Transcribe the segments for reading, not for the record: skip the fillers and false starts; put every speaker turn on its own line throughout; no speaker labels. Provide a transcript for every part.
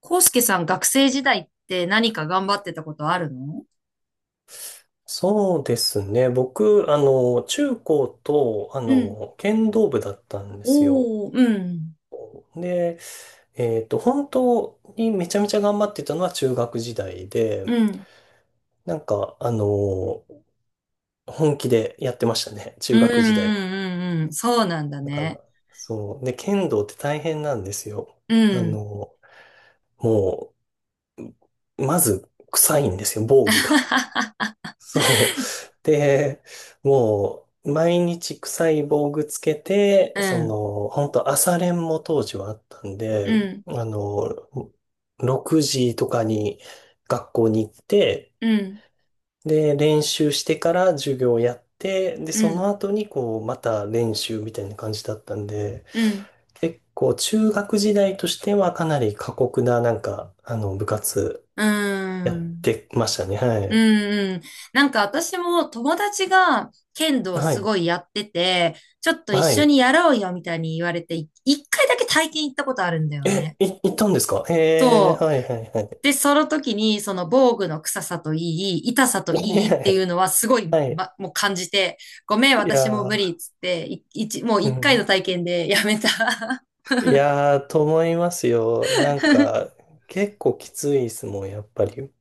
コウスケさん、学生時代って何か頑張ってたことあるの？
そうですね。僕、中高と、
うん。
剣道部だったんですよ。
おー、うん、
で、本当にめちゃめちゃ頑張ってたのは中学時代で、
うん、
なんか、あの、本気でやってましたね。
う
中
ん、
学時代は。
うん、うん、うんそうなんだ
だか
ね。
ら、そう。で、剣道って大変なんですよ。
う
あ
ん。
の、もう、まず、臭いんですよ、防具が。そう。で、もう、毎日臭い防具つけて、
うん、
本当朝練も当時はあったんで、
うん、
6時とかに学校に行って、
うん、
で、練習してから授業やって、で、
う
そ
ん、
の後にこう、また練習みたいな感じだったんで、
うん、
結構中学時代としてはかなり過酷な部活
うー
やっ
ん、
てましたね。は
うん、
い。
うん。なんか私も友達が剣道
は
す
い。
ごいやってて、ちょっと一
は
緒
い。
にやろうよみたいに言われて、一回だけ体験行ったことあるんだよ
え、
ね。
い、行ったんですか？え
そ
ー、
う。
はいはいはい。
で、その時に、その防具の臭さといい、痛さといいってい うのはすごい、
はい。
もう感じて、ごめん、
いや
私もう無理っ
ー、
つって、もう
う
一回の
ん。
体験でやめた。
いやー、と思いますよ。なん か、結構きついですもん、やっぱり。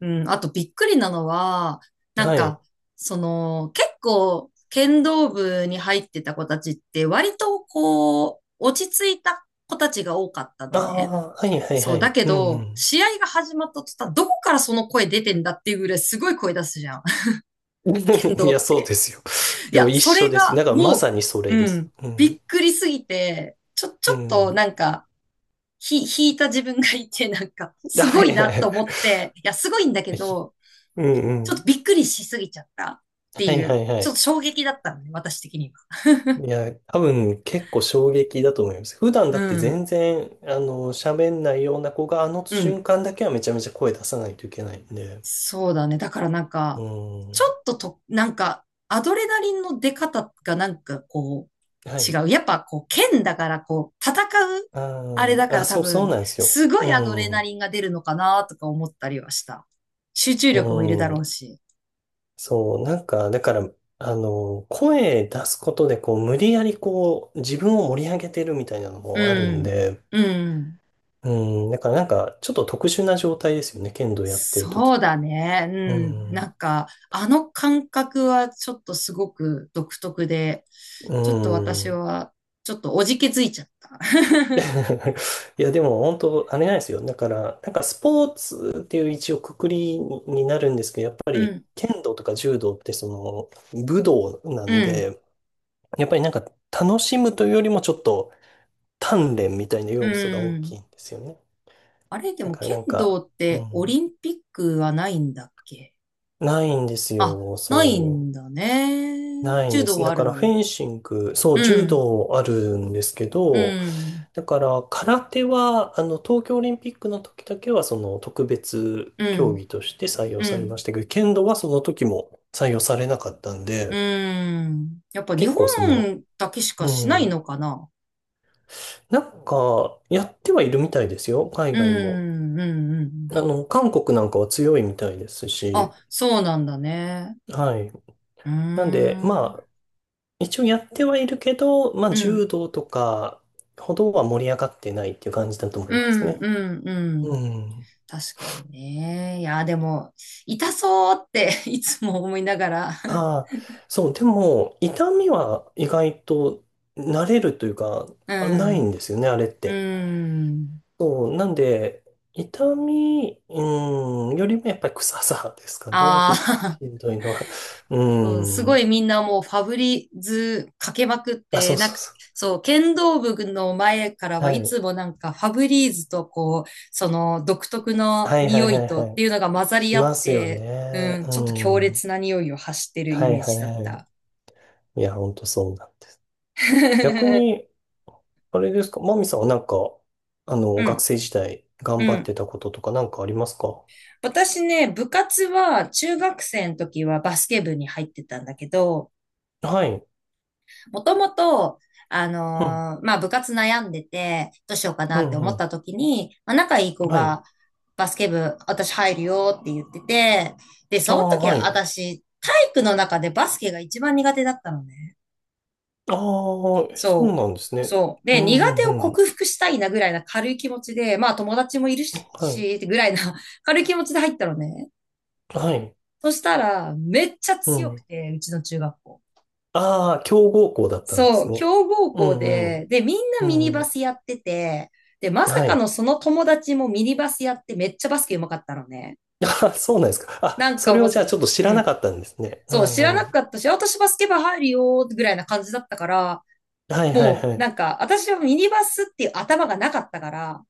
うん、あとびっくりなのは、なん
はい。
か、結構、剣道部に入ってた子たちって割とこう、落ち着いた子たちが多かった
あ
のね。
あ、はいはい
そ
は
う、だ
い。
け
う
ど、
ん
試合が始まった途端、どこからその声出てんだっていうぐらいすごい声出すじゃん。
うん。
剣 道
いや、
っ
そうで
て。
すよ。
い
い
や、
や、一
そ
緒
れ
です。
が
だからま
も
さにそれ
う
で
うん。
す。う
び
ん。
っくりすぎて、ち
う
ょっと
ん。
なんか、引いた自分がいて、なんか、す
は
ご
い
い
はい
な
は
と
い。
思って、いや、すごいんだけ ど、
うん
ち
う
ょっと
ん。
びっくりしすぎちゃったって
はい
い
は
う、
いは
ちょっ
い。
と衝撃だったのね、私的には。
いや、多分結構衝撃だと思います。普段だ
う
って
ん。
全然、喋んないような子が、あの
うん。
瞬間だけはめちゃめちゃ声出さないといけないんで。
そうだね。だからなんか、
う
ちょ
ん。
っとと、なんか、アドレナリンの出方がなんかこ
は
う、
い。
違う。やっぱこう、剣だからこう、う、
あ
あれ
ー
だか
あ、
ら多
そう、そう
分、
なんですよ。
すご
う
いアドレナ
ん。
リンが出るのかなとか思ったりはした。集中力もいる
う
だろう
ん。
し。
そう、なんか、だから、声出すことで、こう、無理やりこう、自分を盛り上げてるみたいなのもある
う
ん
ん。
で、
うん。
うん。だからなんか、ちょっと特殊な状態ですよね。剣道やってる時
そ
っ
う
て。
だね。う
う
ん。な
ん。
んか、あの感覚はちょっとすごく独特で、
う
ちょっと私
ん。
は、ちょっとおじけづいちゃった。
いや、でも本当、あれなんですよ。だから、なんかスポーツっていう一応くくりになるんですけど、やっぱ
う
り
ん。
剣道とか柔道ってその武道な
う
ん
ん、
で、やっぱりなんか楽しむというよりもちょっと鍛錬みたいな
う
要素が大き
ん。
いんですよね。
あれ、で
だ
も
から
剣
なん
道
か、
っ
う
てオ
ん、
リンピックはないんだっけ？
ないんです
あ、
よ。
ない
そ
んだ
う。
ね。
ないん
柔
で
道
す。
は
だ
あ
か
る
ら
の
フ
に。
ェンシング、そう、
う
柔
ん、
道あるんですけ
う
ど、
ん、
だから、空手は、東京オリンピックの時だけは、その、特別
う
競
ん、
技として採用
う
されま
ん、
したけど、剣道はその時も採用されなかったん
う
で、
ん。やっぱ日
結構その、
本だけしかしない
うん、
のかな？
なんか、やってはいるみたいですよ、海
う
外も。
ん、うん、うん。
韓国なんかは強いみたいですし、
あ、そうなんだね。
はい。
うー
なんで、
ん、う
ま
ん、
あ、一応やってはいるけど、まあ、
うん、
柔道とかほどは盛り上がってないっていう感じだと思い
う
ます
ん、
ね。
う
う
ん。
ん。
確かにね。いや、でも、痛そうって いつも思いながら。
ああ、そう、でも、痛みは意外と慣れるというか、
う
あないん
ん。
ですよね、あれっ
う
て。
ん。
そう、なんで、痛み、うん、よりもやっぱり臭さですかね、
あ
ひ、
あ、
ひどいのは。
そう、す
う
ご
ん。
いみんなもうファブリーズかけまくっ
あ、そ
て、
う
なん
そう
か、
そ
そう、剣道部の前から
う。
は
は
い
い。
つもなんかファブリーズとこう、その独特の
はいはい
匂
は
い
い
と
は
って
い。
いうのが混ざり
し
合っ
ますよ
て、う
ね。
ん、
う
ちょっと強
ん。は
烈な匂いを発して
い
るイ
は
メ
い
ージだっ
は
た。
い。いや、ほんとそうなんです。逆 に、あれですか、マミさんはなんか、
う
学
ん、
生時代頑
う
張っ
ん。
てたこととかなんかありますか？
私ね、部活は中学生の時はバスケ部に入ってたんだけど、
はい。
もともと、
うん、
まあ、部活悩んでて、どうしようか
う
なって思
ん、う
っ
ん。
た時に、まあ、仲いい子
はい。
が、バスケ部、私入るよって言ってて、で、
あ
その
あ、
時
はい。
私、体育の中でバスケが一番苦手だったのね。
ああ、そう
そう。
なんですね。
そう。
う
で、苦
ん、
手
う
を
ん、うん。
克服したいなぐらいな軽い気持ちで、まあ友達もいる
は
し、ぐらいな 軽い気持ちで入ったのね。
い。はい。
そしたら、めっちゃ
う
強く
ん。
て、うちの中学校。
ああ、強豪校だったんで
そ
す
う、
ね。
強豪
う
校
ん、
で、で、みん
う
なミニ
ん、う
バ
ん。
スやってて、で、まさ
は
か
い。
のその友達もミニバスやってめっちゃバスケ上手かったのね。
あ、そうなんですか。
な
あ、
ん
そ
か
れ
もう
をじゃ
す、
あちょっと知
う
らな
ん。
かったんですね。う
そう、知ら
ん、う
な
ん。
かったし、あ私バスケ部入るよ、ぐらいな感じだったから、
はい、はい、は
な
い。
んか、私はミニバスっていう頭がなかったから、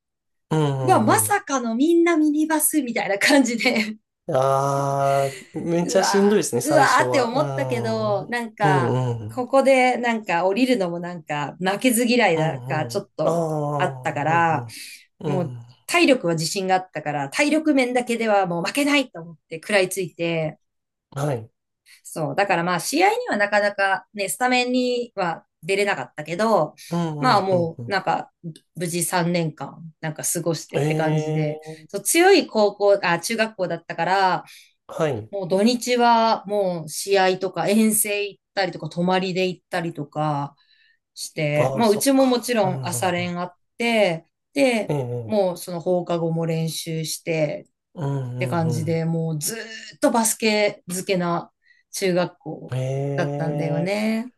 うん、う
うわ、ま
ん、うん。
さかのみんなミニバスみたいな感じで。
ああ、めっ
う
ちゃ
わ
しんどいですね、
うわ
最
ー
初
って
は。
思ったけど、なん
うん、う
か、
ん、うん。
ここでなんか降りるのもなんか負けず嫌い
う
なんか
ん、
ち
う
ょ
ん。
っ
あ
とあっ
あ、
たから、
うん、う
も
ん。う
う
ん。
体力は自信があったから、体力面だけではもう負けないと思って食らいついて、
はい。
そう。だからまあ試合にはなかなかね、スタメンには出れなかったけど、
うんう
まあ
んうん
も
う
う
ん。
なんか無事3年間なんか過ごし
え
てって感じで、
え、
そう強い高校、あ、中学校だったから、
はい。
もう土日はもう試合とか遠征行ったりとか泊まりで行ったりとかして、
あ
ま
あ、
あう
そ
ち
っ
ももち
か。う
ろ
んう
ん朝
んうん。
練あって、
え
で、
え、
もうその放課後も練習して
う
って
ん
感
う
じ
ん
で、もうずーっとバスケ漬けな中学
う
校
ん。
だっ
え
たんだよ
え、
ね。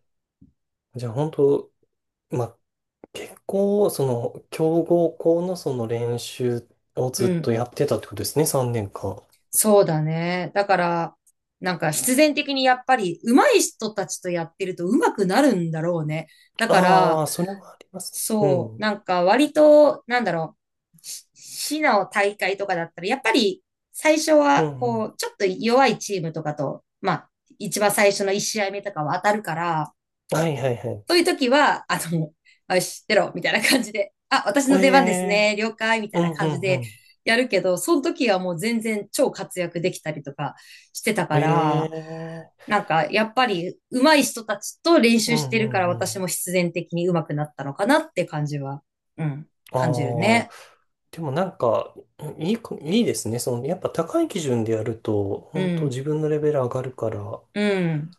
じゃあ本当、まあ、結構、その、強豪校のその練習をず
う
っと
ん。
やってたってことですね、3年間。
そうだね。だから、なんか必然的にやっぱり上手い人たちとやってると上手くなるんだろうね。だか
あ
ら、
あ、それはありますね。う
そう、
ん。
なんか割と、なんだろう、市の大会とかだったら、やっぱり最初
う
は、
んう
こ
ん。
う、ちょっと弱いチームとかと、まあ、一番最初の1試合目とかは当たるから、
はいはいはい。
そういう時は、よし、出ろ、みたいな感じで、あ、私
え
の出番です
え、
ね、了解、みた
う
いな
んう
感じ
んう
で
ん。
やるけど、その時はもう全然超活躍できたりとかしてた
え
から、
え、
なんか、やっぱり、上手い人たちと練
う
習
ん
して
う
るから、
んう
私も
ん。
必然的に上手くなったのかなって感じは、うん、
あ
感じる
あ、
ね。
でもなんか、いいこ、いいですね。その、やっぱ高い基準でやると、
う
本当
ん、
自分のレベル上がるから、よ
うん。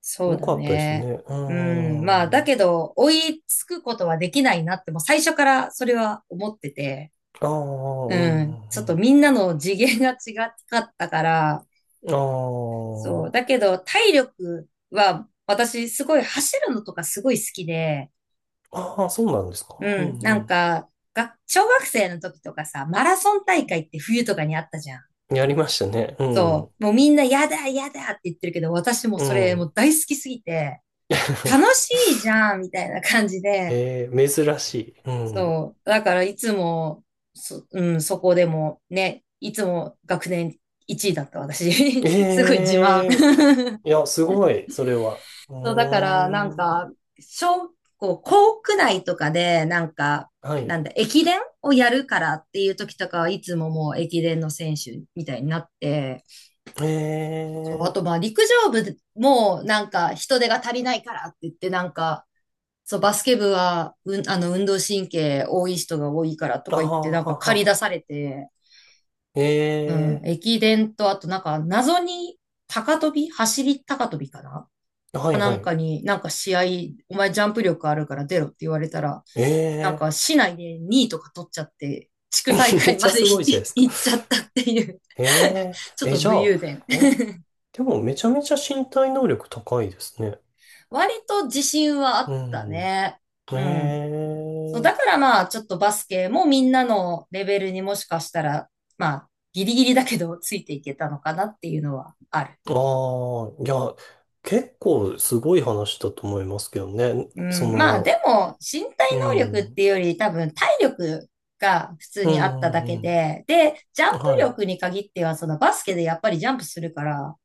そうだ
かったですね。
ね。
うー
うん、まあ、だ
ん。あ
けど、追いつくことはできないなって、もう最初からそれは思ってて、
あ、うん、
うん。
う
ちょっとみ
ん
んなの次元が違かったから、
うん。
そう。
あ
だけど、体力は、私、すごい走るのとかすごい好きで、
あ、ああ、そうなんですか。う
うん。なん
ん
か、小学生の時とかさ、マラソン大会って冬とかにあったじゃん。
うん。やりましたね。う
そ
ん、
う。もうみんな、やだ、やだって言ってるけど、私も
う
それも
ん。
う大好きすぎて、楽 しいじゃん、みたいな感じで、
えー珍しい。うん。
そう。だからいつも、うん、そこでもね、いつも学年1位だった私。すごい自
え
慢。
えいや、すごい、それは。う
そう、だからなん
ーん。
か、小、こう、校区内とかで、なんか、
は
な
い。
んだ、駅伝をやるからっていう時とかはいつももう駅伝の選手みたいになって、
え
そう、あ
え
とまあ陸上部もなんか人手が足りないからって言ってなんか、そう、バスケ部は、うん、あの、運動神経多い人が多いからと
あ
か言って、
あ、
なんか
は
駆り出
は。
されて、うん、
ええ
駅伝と、あとなんか、謎に、高跳び走り高跳びかな、
はい、
な
は
んか
い。
に、なんか試合、お前ジャンプ力あるから出ろって言われたら、
え
なん
え
か
ー
市内で2位とか取っちゃって、地 区大
めっ
会
ち
ま
ゃ
で
すごいじゃないです か。
行っちゃったっていう
ええ
ちょ
ー
っ
え、
と
じゃ
武
あ、
勇伝。
え、でもめちゃめちゃ身体能力高いですね。
割と自信はあった
う
ね。
ん。
うん。そう、だ
え
か
え
らまあ、ちょっとバスケもみんなのレベルにもしかしたら、まあ、ギリギリだけどついていけたのかなっていうのはある。
ーああ、いや、結構すごい話だと思いますけどね。
うん、まあ、
その、
でも、身体
う
能力っ
ん、うん、
ていうより多分体力が普通
う
にあっただ
ん、
け
うん。
で、で、ジャンプ
はい。
力に限っては、そのバスケでやっぱりジャンプするから、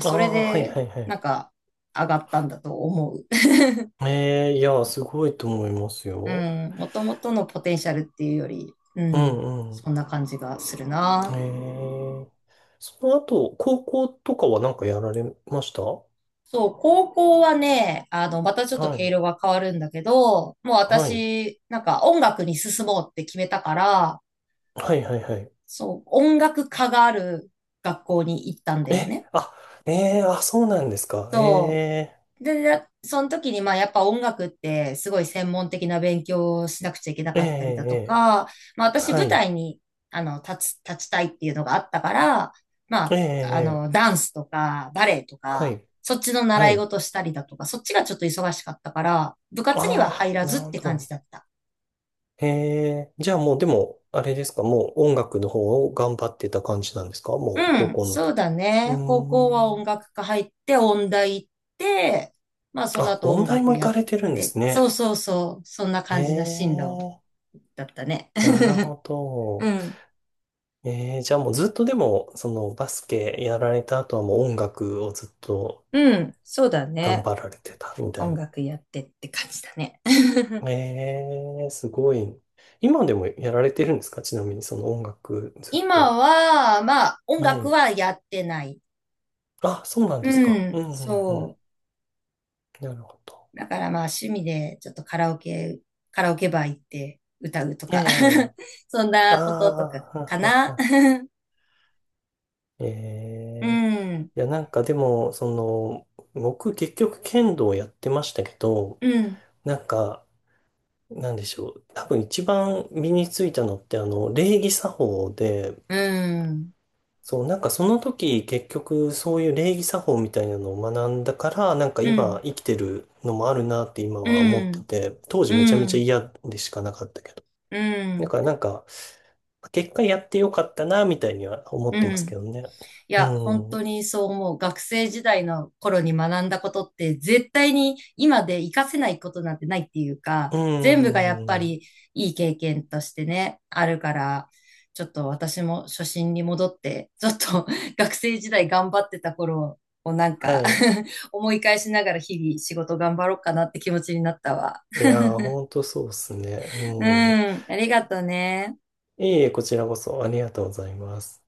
あ
それ
あ、はい、
で、
はい、はい。
なんか、上がったんだと思う。
ええいや、すごいと思います
う
よ。
ん、もともとのポテンシャルっていうより、う
う
ん、
ん、うん。
そんな感じがするな。
ええその後、高校とかはなんかやられました？は
そう、高校はね、あの、またちょっと毛
い。
色が変わるんだけど、もう
はい。
私、なんか音楽に進もうって決めたから、
はい、はい、はい。
そう、音楽科がある学校に行ったんだよ
え、
ね。
あ、ええあ、そうなんですか。
そ
ええ
う。でその時に、まあ、やっぱ音楽って、すごい専門的な勉強をしなくちゃいけな
ええ
かったりだと
え
か、まあ、
え
私、
は
舞
い。
台に、あの、立つ、立ちたいっていうのがあったから、ま
ええ
あ、あの、
ええ
ダンスとか、バレエと
は
か、
い。
そっちの
は
習い
い。
事したりだとか、そっちがちょっと忙しかったから、部活には入
ああ、
ら
な
ずっ
るほ
て感じ
ど。
だった。
ええじゃあもう、でも、あれですか、もう音楽の方を頑張ってた感じなんですか？
う
もう、高
ん、
校の
そう
時は。
だ
う
ね。高
ー
校は音
ん。
楽科入って、音大行って、まあ、その
あ、
後音
音大
楽
も行
や
か
っ
れてるんで
て、
す
そう
ね。
そうそう、そんな感じな進路
ええ
だったね。
なるほ
う
ど。
ん。
ええじゃあもうずっとでも、そのバスケやられた後はもう音楽をずっと
うん。そうだ
頑
ね。
張られてたみたい
音
な。
楽やってって感じだね。
ええ、すごい。今でもやられてるんですか？ちなみにその音楽ずっ
今
と。
は、まあ、音
は
楽
い。
はやってない。
あ、そうなんです
う
か。う
ん。
んうんうん。
そ
なるほど。
う。だからまあ、趣味でちょっとカラオケバー行って歌うと
え
か
え。
そん
ああ、
なこととか
は
か
は
な。
は。え
う
え。
ん。
いや、なんかでも、その、僕結局剣道をやってましたけど、
うん。
なんか、なんでしょう。多分一番身についたのって、礼儀作法で、
うん。
そう、なんかその時結局そういう礼儀作法みたいなのを学んだから、なんか
う
今
ん。
生きてるのもあるなって今
う
は思って
ん。
て、当時め
う
ちゃめちゃ
ん。
嫌でしかなかったけど。
う
だ
ん。
からなんか、結果やってよかったなみたいには思っ
う
てます
ん。
けどね。
い
う
や、本
ん。
当にそう思う。学生時代の頃に学んだことって絶対に今で活かせないことなんてないっていうか、
う
全部がやっぱ
ん。
りいい経験としてね、あるから、ちょっと私も初心に戻って、ちょっと 学生時代頑張ってた頃をなん
は
か
い。
思い返しながら日々仕事頑張ろうかなって気持ちになったわ。
いやー、ほんとそうっすね。
う
うん。
ん、ありがとね。
いえいえ、こちらこそありがとうございます。